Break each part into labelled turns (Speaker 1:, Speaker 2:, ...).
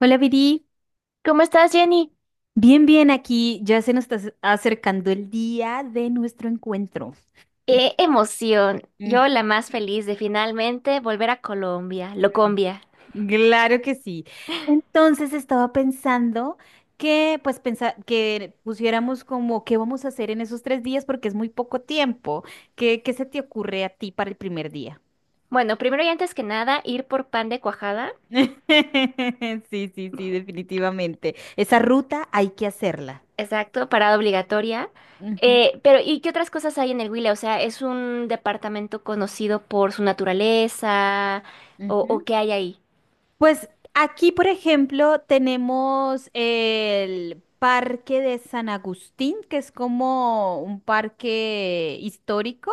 Speaker 1: Hola, Viri.
Speaker 2: ¿Cómo estás, Jenny?
Speaker 1: Bien, bien, aquí ya se nos está acercando el día de nuestro encuentro.
Speaker 2: ¡Qué emoción!
Speaker 1: Ujú.
Speaker 2: Yo la más feliz de finalmente volver a Colombia, Locombia.
Speaker 1: Claro que sí. Entonces estaba pensando que, pues, que pusiéramos como qué vamos a hacer en esos 3 días porque es muy poco tiempo. ¿Qué se te ocurre a ti para el primer día?
Speaker 2: Bueno, primero y antes que nada, ir por pan de cuajada,
Speaker 1: Sí, sí, sí, definitivamente. Esa ruta hay que hacerla.
Speaker 2: exacto, parada obligatoria.
Speaker 1: Ujú,
Speaker 2: Pero, ¿y qué otras cosas hay en el Huila? O sea, ¿es un departamento conocido por su naturaleza? ¿O
Speaker 1: ujú.
Speaker 2: qué hay ahí?
Speaker 1: Pues aquí, por ejemplo, tenemos el Parque de San Agustín, que es como un parque histórico,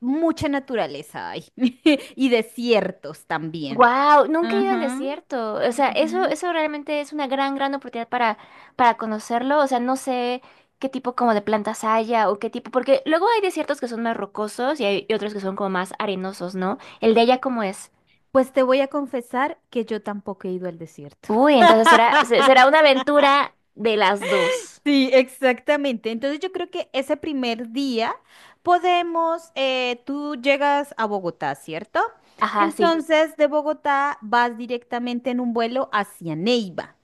Speaker 1: mucha naturaleza hay y desiertos también.
Speaker 2: Wow, nunca he ido al
Speaker 1: Ajá,
Speaker 2: desierto. O sea, eso,
Speaker 1: ujú.
Speaker 2: eso realmente es una gran, gran oportunidad para conocerlo. O sea, no sé qué tipo como de plantas haya o qué tipo, porque luego hay desiertos que son más rocosos y hay y otros que son como más arenosos, ¿no? El de allá cómo es.
Speaker 1: Pues te voy a confesar que yo tampoco he ido al desierto.
Speaker 2: Uy, entonces será, será una aventura de las dos.
Speaker 1: Sí, exactamente. Entonces yo creo que ese primer día podemos, tú llegas a Bogotá, ¿cierto?
Speaker 2: Ajá, sí.
Speaker 1: Entonces de Bogotá vas directamente en un vuelo hacia Neiva.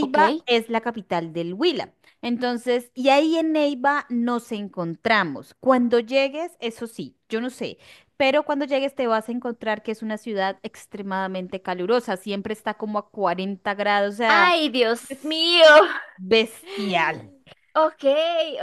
Speaker 2: Ok.
Speaker 1: es la capital del Huila. Entonces, y ahí en Neiva nos encontramos. Cuando llegues, eso sí, yo no sé, pero cuando llegues te vas a encontrar que es una ciudad extremadamente calurosa. Siempre está como a 40 grados, o sea,
Speaker 2: Ay, Dios
Speaker 1: es
Speaker 2: mío.
Speaker 1: bestial.
Speaker 2: Ok,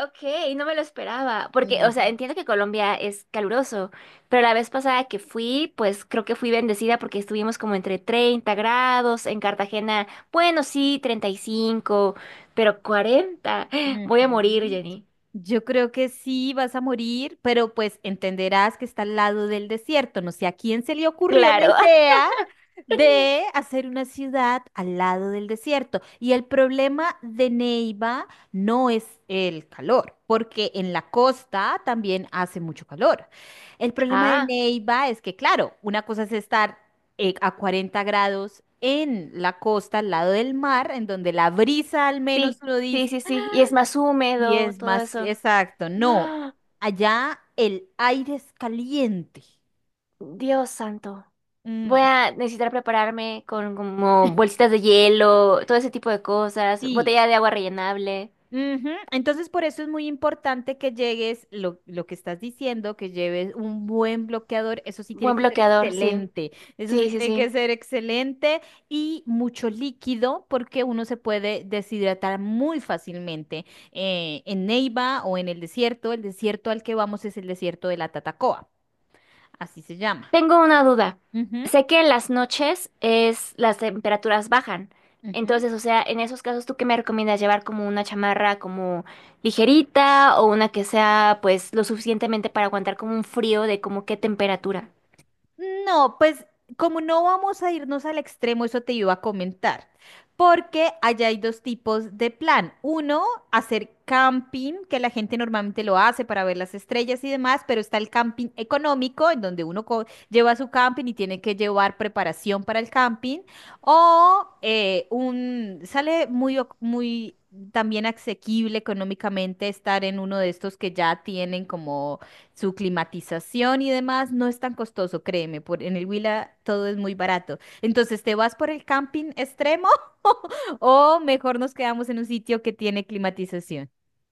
Speaker 2: ok, no me lo esperaba, porque,
Speaker 1: Ujú,
Speaker 2: o sea, entiendo que Colombia es caluroso, pero la vez pasada que fui, pues creo que fui bendecida porque estuvimos como entre 30 grados, en Cartagena, bueno, sí, 35, pero 40, voy a morir,
Speaker 1: ujú.
Speaker 2: Jenny.
Speaker 1: Yo creo que sí vas a morir, pero pues entenderás que está al lado del desierto. No sé a quién se le ocurrió la
Speaker 2: Claro,
Speaker 1: idea de hacer una ciudad al lado del desierto. Y el problema de Neiva no es el calor, porque en la costa también hace mucho calor. El problema de
Speaker 2: ah,
Speaker 1: Neiva es que, claro, una cosa es estar a 40 grados en la costa, al lado del mar, en donde la brisa al menos
Speaker 2: sí,
Speaker 1: uno
Speaker 2: sí,
Speaker 1: dice,
Speaker 2: sí, sí, y es más
Speaker 1: y
Speaker 2: húmedo,
Speaker 1: es
Speaker 2: todo
Speaker 1: más
Speaker 2: eso.
Speaker 1: exacto. No,
Speaker 2: ¡Ah!
Speaker 1: allá el aire es caliente.
Speaker 2: Dios santo. Voy
Speaker 1: Mm,
Speaker 2: a necesitar prepararme con como bolsitas de hielo, todo ese tipo de cosas,
Speaker 1: sí.
Speaker 2: botella de agua rellenable.
Speaker 1: Ujú. Entonces, por eso es muy importante que llegues, lo que estás diciendo, que lleves un buen bloqueador. Eso sí tiene
Speaker 2: Buen
Speaker 1: que ser
Speaker 2: bloqueador, sí.
Speaker 1: excelente. Eso sí
Speaker 2: Sí, sí,
Speaker 1: tiene
Speaker 2: sí.
Speaker 1: que ser excelente y mucho líquido porque uno se puede deshidratar muy fácilmente en Neiva o en el desierto. El desierto al que vamos es el desierto de la Tatacoa. Así se llama.
Speaker 2: Tengo una duda.
Speaker 1: Ujú,
Speaker 2: Sé que en las noches es las temperaturas bajan.
Speaker 1: ujú.
Speaker 2: Entonces, o sea, en esos casos, ¿tú qué me recomiendas llevar como una chamarra como ligerita o una que sea pues lo suficientemente para aguantar como un frío de como qué temperatura?
Speaker 1: No, pues como no vamos a irnos al extremo, eso te iba a comentar, porque allá hay dos tipos de plan. Uno, hacer camping, que la gente normalmente lo hace para ver las estrellas y demás, pero está el camping económico, en donde uno lleva su camping y tiene que llevar preparación para el camping, o sale muy también asequible económicamente estar en uno de estos que ya tienen como su climatización y demás, no es tan costoso, créeme, por, en el Huila todo es muy barato. Entonces, ¿te vas por el camping extremo o mejor nos quedamos en un sitio que tiene climatización?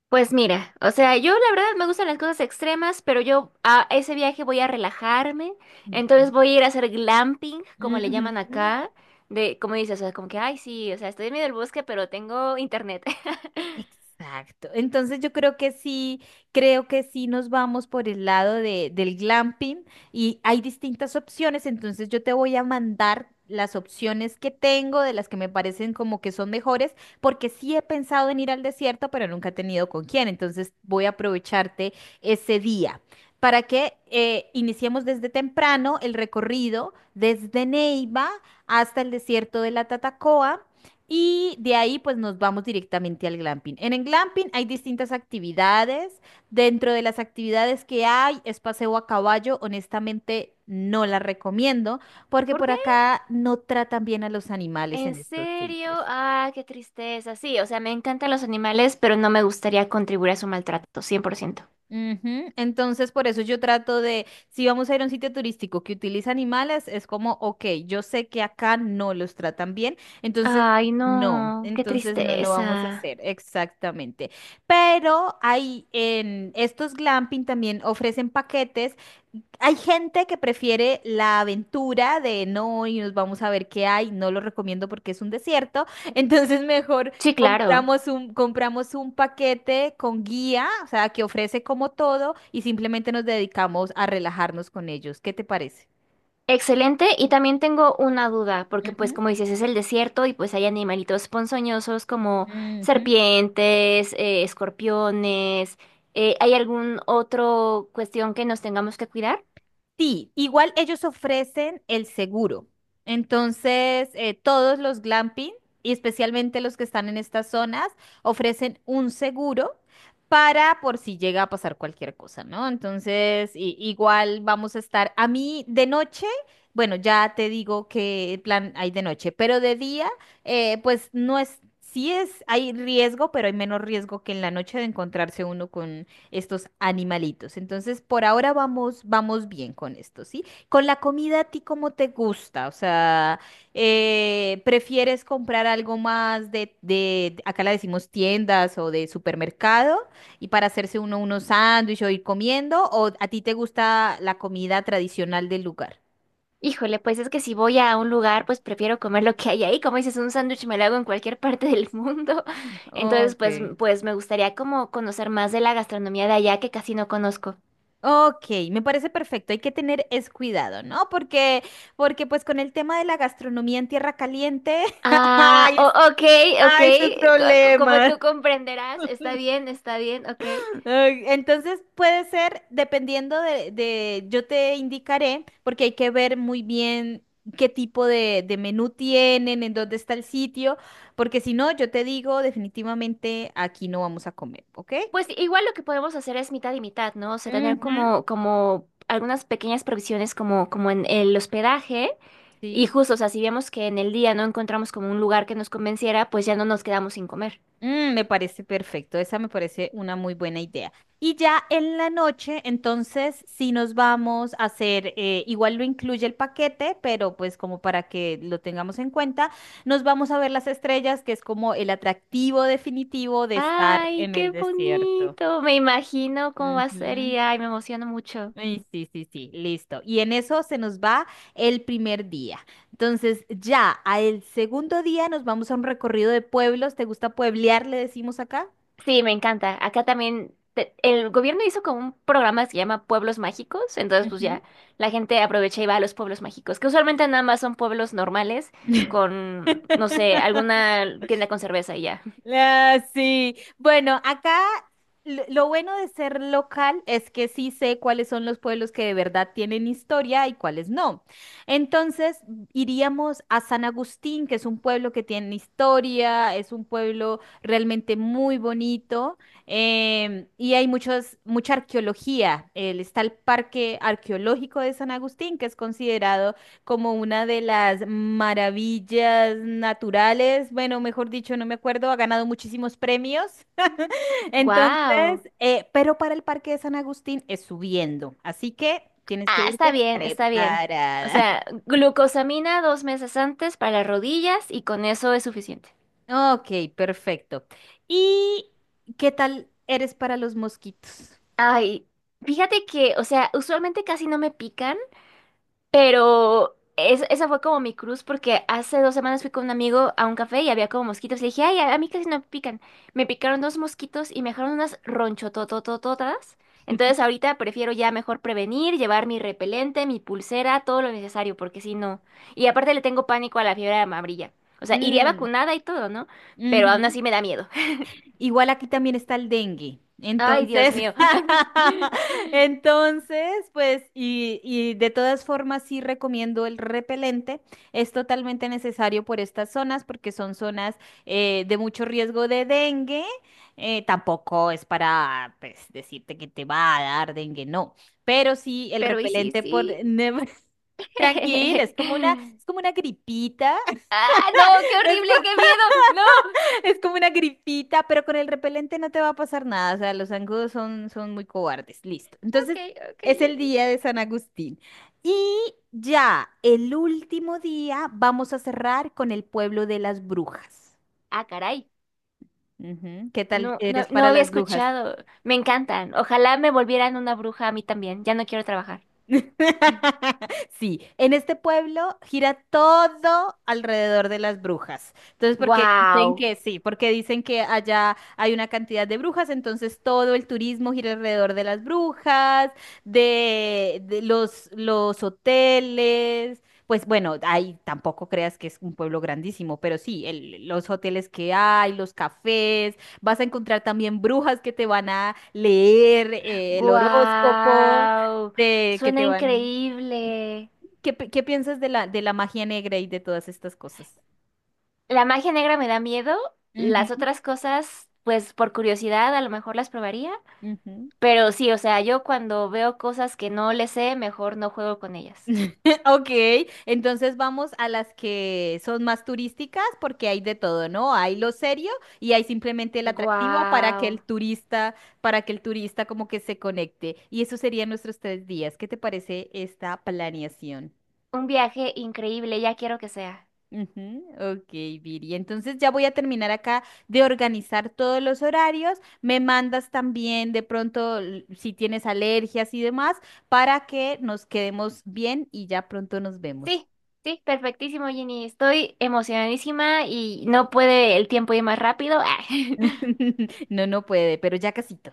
Speaker 2: Pues mira, o sea, yo la verdad me gustan las cosas extremas, pero yo a ese viaje voy a relajarme,
Speaker 1: Ujú.
Speaker 2: entonces voy a ir a hacer glamping, como le llaman acá, de, como dices, o sea, como que, ay, sí, o sea, estoy en medio del bosque, pero tengo internet.
Speaker 1: Exacto. Entonces yo creo que sí nos vamos por el lado del glamping y hay distintas opciones, entonces yo te voy a mandar las opciones que tengo, de las que me parecen como que son mejores, porque sí he pensado en ir al desierto, pero nunca he tenido con quién, entonces voy a aprovecharte ese día para que iniciemos desde temprano el recorrido desde Neiva hasta el desierto de la Tatacoa. Y de ahí pues nos vamos directamente al glamping. En el glamping hay distintas actividades. Dentro de las actividades que hay es paseo a caballo. Honestamente no la recomiendo porque
Speaker 2: ¿Por
Speaker 1: por
Speaker 2: qué?
Speaker 1: acá no tratan bien a los animales
Speaker 2: ¿En
Speaker 1: en estos
Speaker 2: serio?
Speaker 1: sitios.
Speaker 2: Ah, qué tristeza. Sí, o sea, me encantan los animales, pero no me gustaría contribuir a su maltrato, 100%.
Speaker 1: Ujú. Entonces, por eso yo trato de, si vamos a ir a un sitio turístico que utiliza animales, es como, ok, yo sé que acá no los tratan bien, entonces
Speaker 2: Ay,
Speaker 1: no,
Speaker 2: no, qué
Speaker 1: entonces no lo vamos a
Speaker 2: tristeza.
Speaker 1: hacer, exactamente. Pero hay, en estos glamping también ofrecen paquetes, hay gente que prefiere la aventura de no, y nos vamos a ver qué hay. No lo recomiendo porque es un desierto. Entonces mejor
Speaker 2: Sí, claro.
Speaker 1: compramos un paquete con guía, o sea, que ofrece como todo y simplemente nos dedicamos a relajarnos con ellos. ¿Qué te parece?
Speaker 2: Excelente, y también tengo una duda, porque pues
Speaker 1: Ujú,
Speaker 2: como dices, es el desierto y pues hay animalitos ponzoñosos como
Speaker 1: ujú.
Speaker 2: serpientes, escorpiones, ¿hay algún otro cuestión que nos tengamos que cuidar?
Speaker 1: Sí, igual ellos ofrecen el seguro. Entonces, todos los glamping, y especialmente los que están en estas zonas, ofrecen un seguro para por si llega a pasar cualquier cosa, ¿no? Entonces, igual vamos a estar, a mí de noche, bueno, ya te digo qué plan hay de noche, pero de día, pues no es, sí es, hay riesgo, pero hay menos riesgo que en la noche de encontrarse uno estos animalitos. Entonces, por ahora vamos bien con esto, ¿sí? Con la comida, ¿a ti cómo te gusta? O sea, ¿prefieres comprar algo más de, acá la decimos tiendas, o de supermercado, y para hacerse uno unos sándwiches o ir comiendo? ¿O a ti te gusta la comida tradicional del lugar?
Speaker 2: Híjole, pues es que si voy a un lugar, pues prefiero comer lo que hay ahí, como dices, un sándwich me lo hago en cualquier parte del mundo, entonces pues,
Speaker 1: Okay,
Speaker 2: pues me gustaría como conocer más de la gastronomía de allá que casi no conozco.
Speaker 1: ok, me parece perfecto. Hay que tener es cuidado, ¿no? Porque pues, con el tema de la gastronomía en tierra caliente,
Speaker 2: Ah,
Speaker 1: ay,
Speaker 2: ok, ok,
Speaker 1: ay, su
Speaker 2: como
Speaker 1: problema.
Speaker 2: tú comprenderás, está bien, ok.
Speaker 1: Ay, entonces puede ser, dependiendo yo te indicaré, porque hay que ver muy bien qué tipo de menú tienen, en dónde está el sitio, porque si no, yo te digo definitivamente aquí no vamos a comer, ¿ok?
Speaker 2: Pues igual lo que podemos hacer es mitad y mitad, ¿no? O sea, tener
Speaker 1: Ujú.
Speaker 2: como algunas pequeñas provisiones como en el hospedaje y
Speaker 1: Sí.
Speaker 2: justo, o sea, si vemos que en el día no encontramos como un lugar que nos convenciera, pues ya no nos quedamos sin comer.
Speaker 1: Me parece perfecto, esa me parece una muy buena idea. Y ya en la noche, entonces, sí nos vamos a hacer, igual lo incluye el paquete, pero pues como para que lo tengamos en cuenta, nos vamos a ver las estrellas, que es como el atractivo definitivo de estar
Speaker 2: Ay,
Speaker 1: en el
Speaker 2: qué
Speaker 1: desierto.
Speaker 2: bonito, me imagino cómo va a ser
Speaker 1: Ujú.
Speaker 2: y ay, me emociono mucho.
Speaker 1: Ay, sí, sí, sí, listo. Y en eso se nos va el primer día. Entonces, ya al segundo día nos vamos a un recorrido de pueblos. ¿Te gusta pueblear? Le decimos acá.
Speaker 2: Sí, me encanta. Acá también el gobierno hizo como un programa que se llama Pueblos Mágicos, entonces pues ya la gente aprovecha y va a los pueblos mágicos, que usualmente nada más son pueblos normales con, no sé, alguna tienda con cerveza y ya.
Speaker 1: Ah, sí, bueno, acá lo bueno de ser local es que sí sé cuáles son los pueblos que de verdad tienen historia y cuáles no. Entonces, iríamos a San Agustín, que es un pueblo que tiene historia, es un pueblo realmente muy bonito, y hay mucha arqueología. Está el Parque Arqueológico de San Agustín, que es considerado como una de las maravillas naturales, bueno, mejor dicho, no me acuerdo, ha ganado muchísimos premios. Entonces,
Speaker 2: Wow.
Speaker 1: pero para el Parque de San Agustín es subiendo, así que tienes que
Speaker 2: Ah, está
Speaker 1: irte
Speaker 2: bien, está bien. O
Speaker 1: preparada.
Speaker 2: sea, glucosamina 2 meses antes para las rodillas y con eso es suficiente.
Speaker 1: Ok, perfecto. ¿Y qué tal eres para los mosquitos?
Speaker 2: Ay, fíjate que, o sea, usualmente casi no me pica. Pero esa fue como mi cruz porque hace 2 semanas fui con un amigo a un café y había como mosquitos. Le dije, ay, a mí casi no me pican. Me picaron dos mosquitos y me dejaron unas ronchotototototas. Entonces ahorita prefiero ya mejor prevenir, llevar mi repelente, mi pulsera, todo lo necesario, porque si no. Y aparte le tengo pánico a la fiebre amarilla. O sea, iría
Speaker 1: Mm,
Speaker 2: vacunada y todo, ¿no? Pero aún
Speaker 1: ujú.
Speaker 2: así me da miedo.
Speaker 1: Igual aquí también está el dengue.
Speaker 2: Ay, Dios
Speaker 1: Entonces,
Speaker 2: mío.
Speaker 1: entonces, pues, y de todas formas sí recomiendo el repelente. Es totalmente necesario por estas zonas porque son zonas de mucho riesgo de dengue. Tampoco es para, pues, decirte que te va a dar dengue, no. Pero sí el
Speaker 2: Pero y sí,
Speaker 1: repelente, por...
Speaker 2: sí.
Speaker 1: Tranquila, es como una gripita.
Speaker 2: Ah, no, qué horrible, qué miedo. No.
Speaker 1: Es como una gripita, pero con el repelente no te va a pasar nada. O sea, los zancudos son muy cobardes. Listo.
Speaker 2: Ok,
Speaker 1: Entonces,
Speaker 2: ok,
Speaker 1: es el
Speaker 2: Jenny.
Speaker 1: día de San Agustín. Y ya, el último día vamos a cerrar con el pueblo de las brujas.
Speaker 2: Ah, caray.
Speaker 1: Ujú. ¿Qué tal
Speaker 2: No, no,
Speaker 1: eres
Speaker 2: no
Speaker 1: para
Speaker 2: había
Speaker 1: las brujas?
Speaker 2: escuchado. Me encantan. Ojalá me volvieran una bruja a mí también. Ya no quiero trabajar.
Speaker 1: Sí, en este pueblo gira todo alrededor de las brujas. Entonces, porque
Speaker 2: Guau.
Speaker 1: dicen que sí, porque dicen que allá hay una cantidad de brujas, entonces todo el turismo gira alrededor de las brujas, de los hoteles. Pues bueno, ahí tampoco creas que es un pueblo grandísimo, pero sí, los hoteles que hay, los cafés, vas a encontrar también brujas que te van a leer el horóscopo
Speaker 2: Guau.
Speaker 1: de que
Speaker 2: Suena
Speaker 1: te van.
Speaker 2: increíble.
Speaker 1: ¿Qué piensas de la, magia negra y de todas estas cosas?
Speaker 2: La magia negra me da miedo. Las
Speaker 1: Ujú,
Speaker 2: otras cosas, pues por curiosidad, a lo mejor las probaría.
Speaker 1: ujú.
Speaker 2: Pero sí, o sea, yo cuando veo cosas que no le sé, mejor no juego con ellas.
Speaker 1: Ok, entonces vamos a las que son más turísticas porque hay de todo, ¿no? Hay lo serio y hay simplemente el atractivo para que
Speaker 2: Guau.
Speaker 1: el turista, para que el turista como que se conecte. Y eso serían nuestros 3 días. ¿Qué te parece esta planeación?
Speaker 2: Un viaje increíble, ya quiero que sea.
Speaker 1: Ujú. Ok, Viri. Entonces ya voy a terminar acá de organizar todos los horarios. Me mandas también de pronto si tienes alergias y demás para que nos quedemos bien y ya pronto nos vemos.
Speaker 2: Sí, sí, perfectísimo, Jenny. Estoy emocionadísima y no puede el tiempo ir más rápido.
Speaker 1: No, no puede, pero ya casito.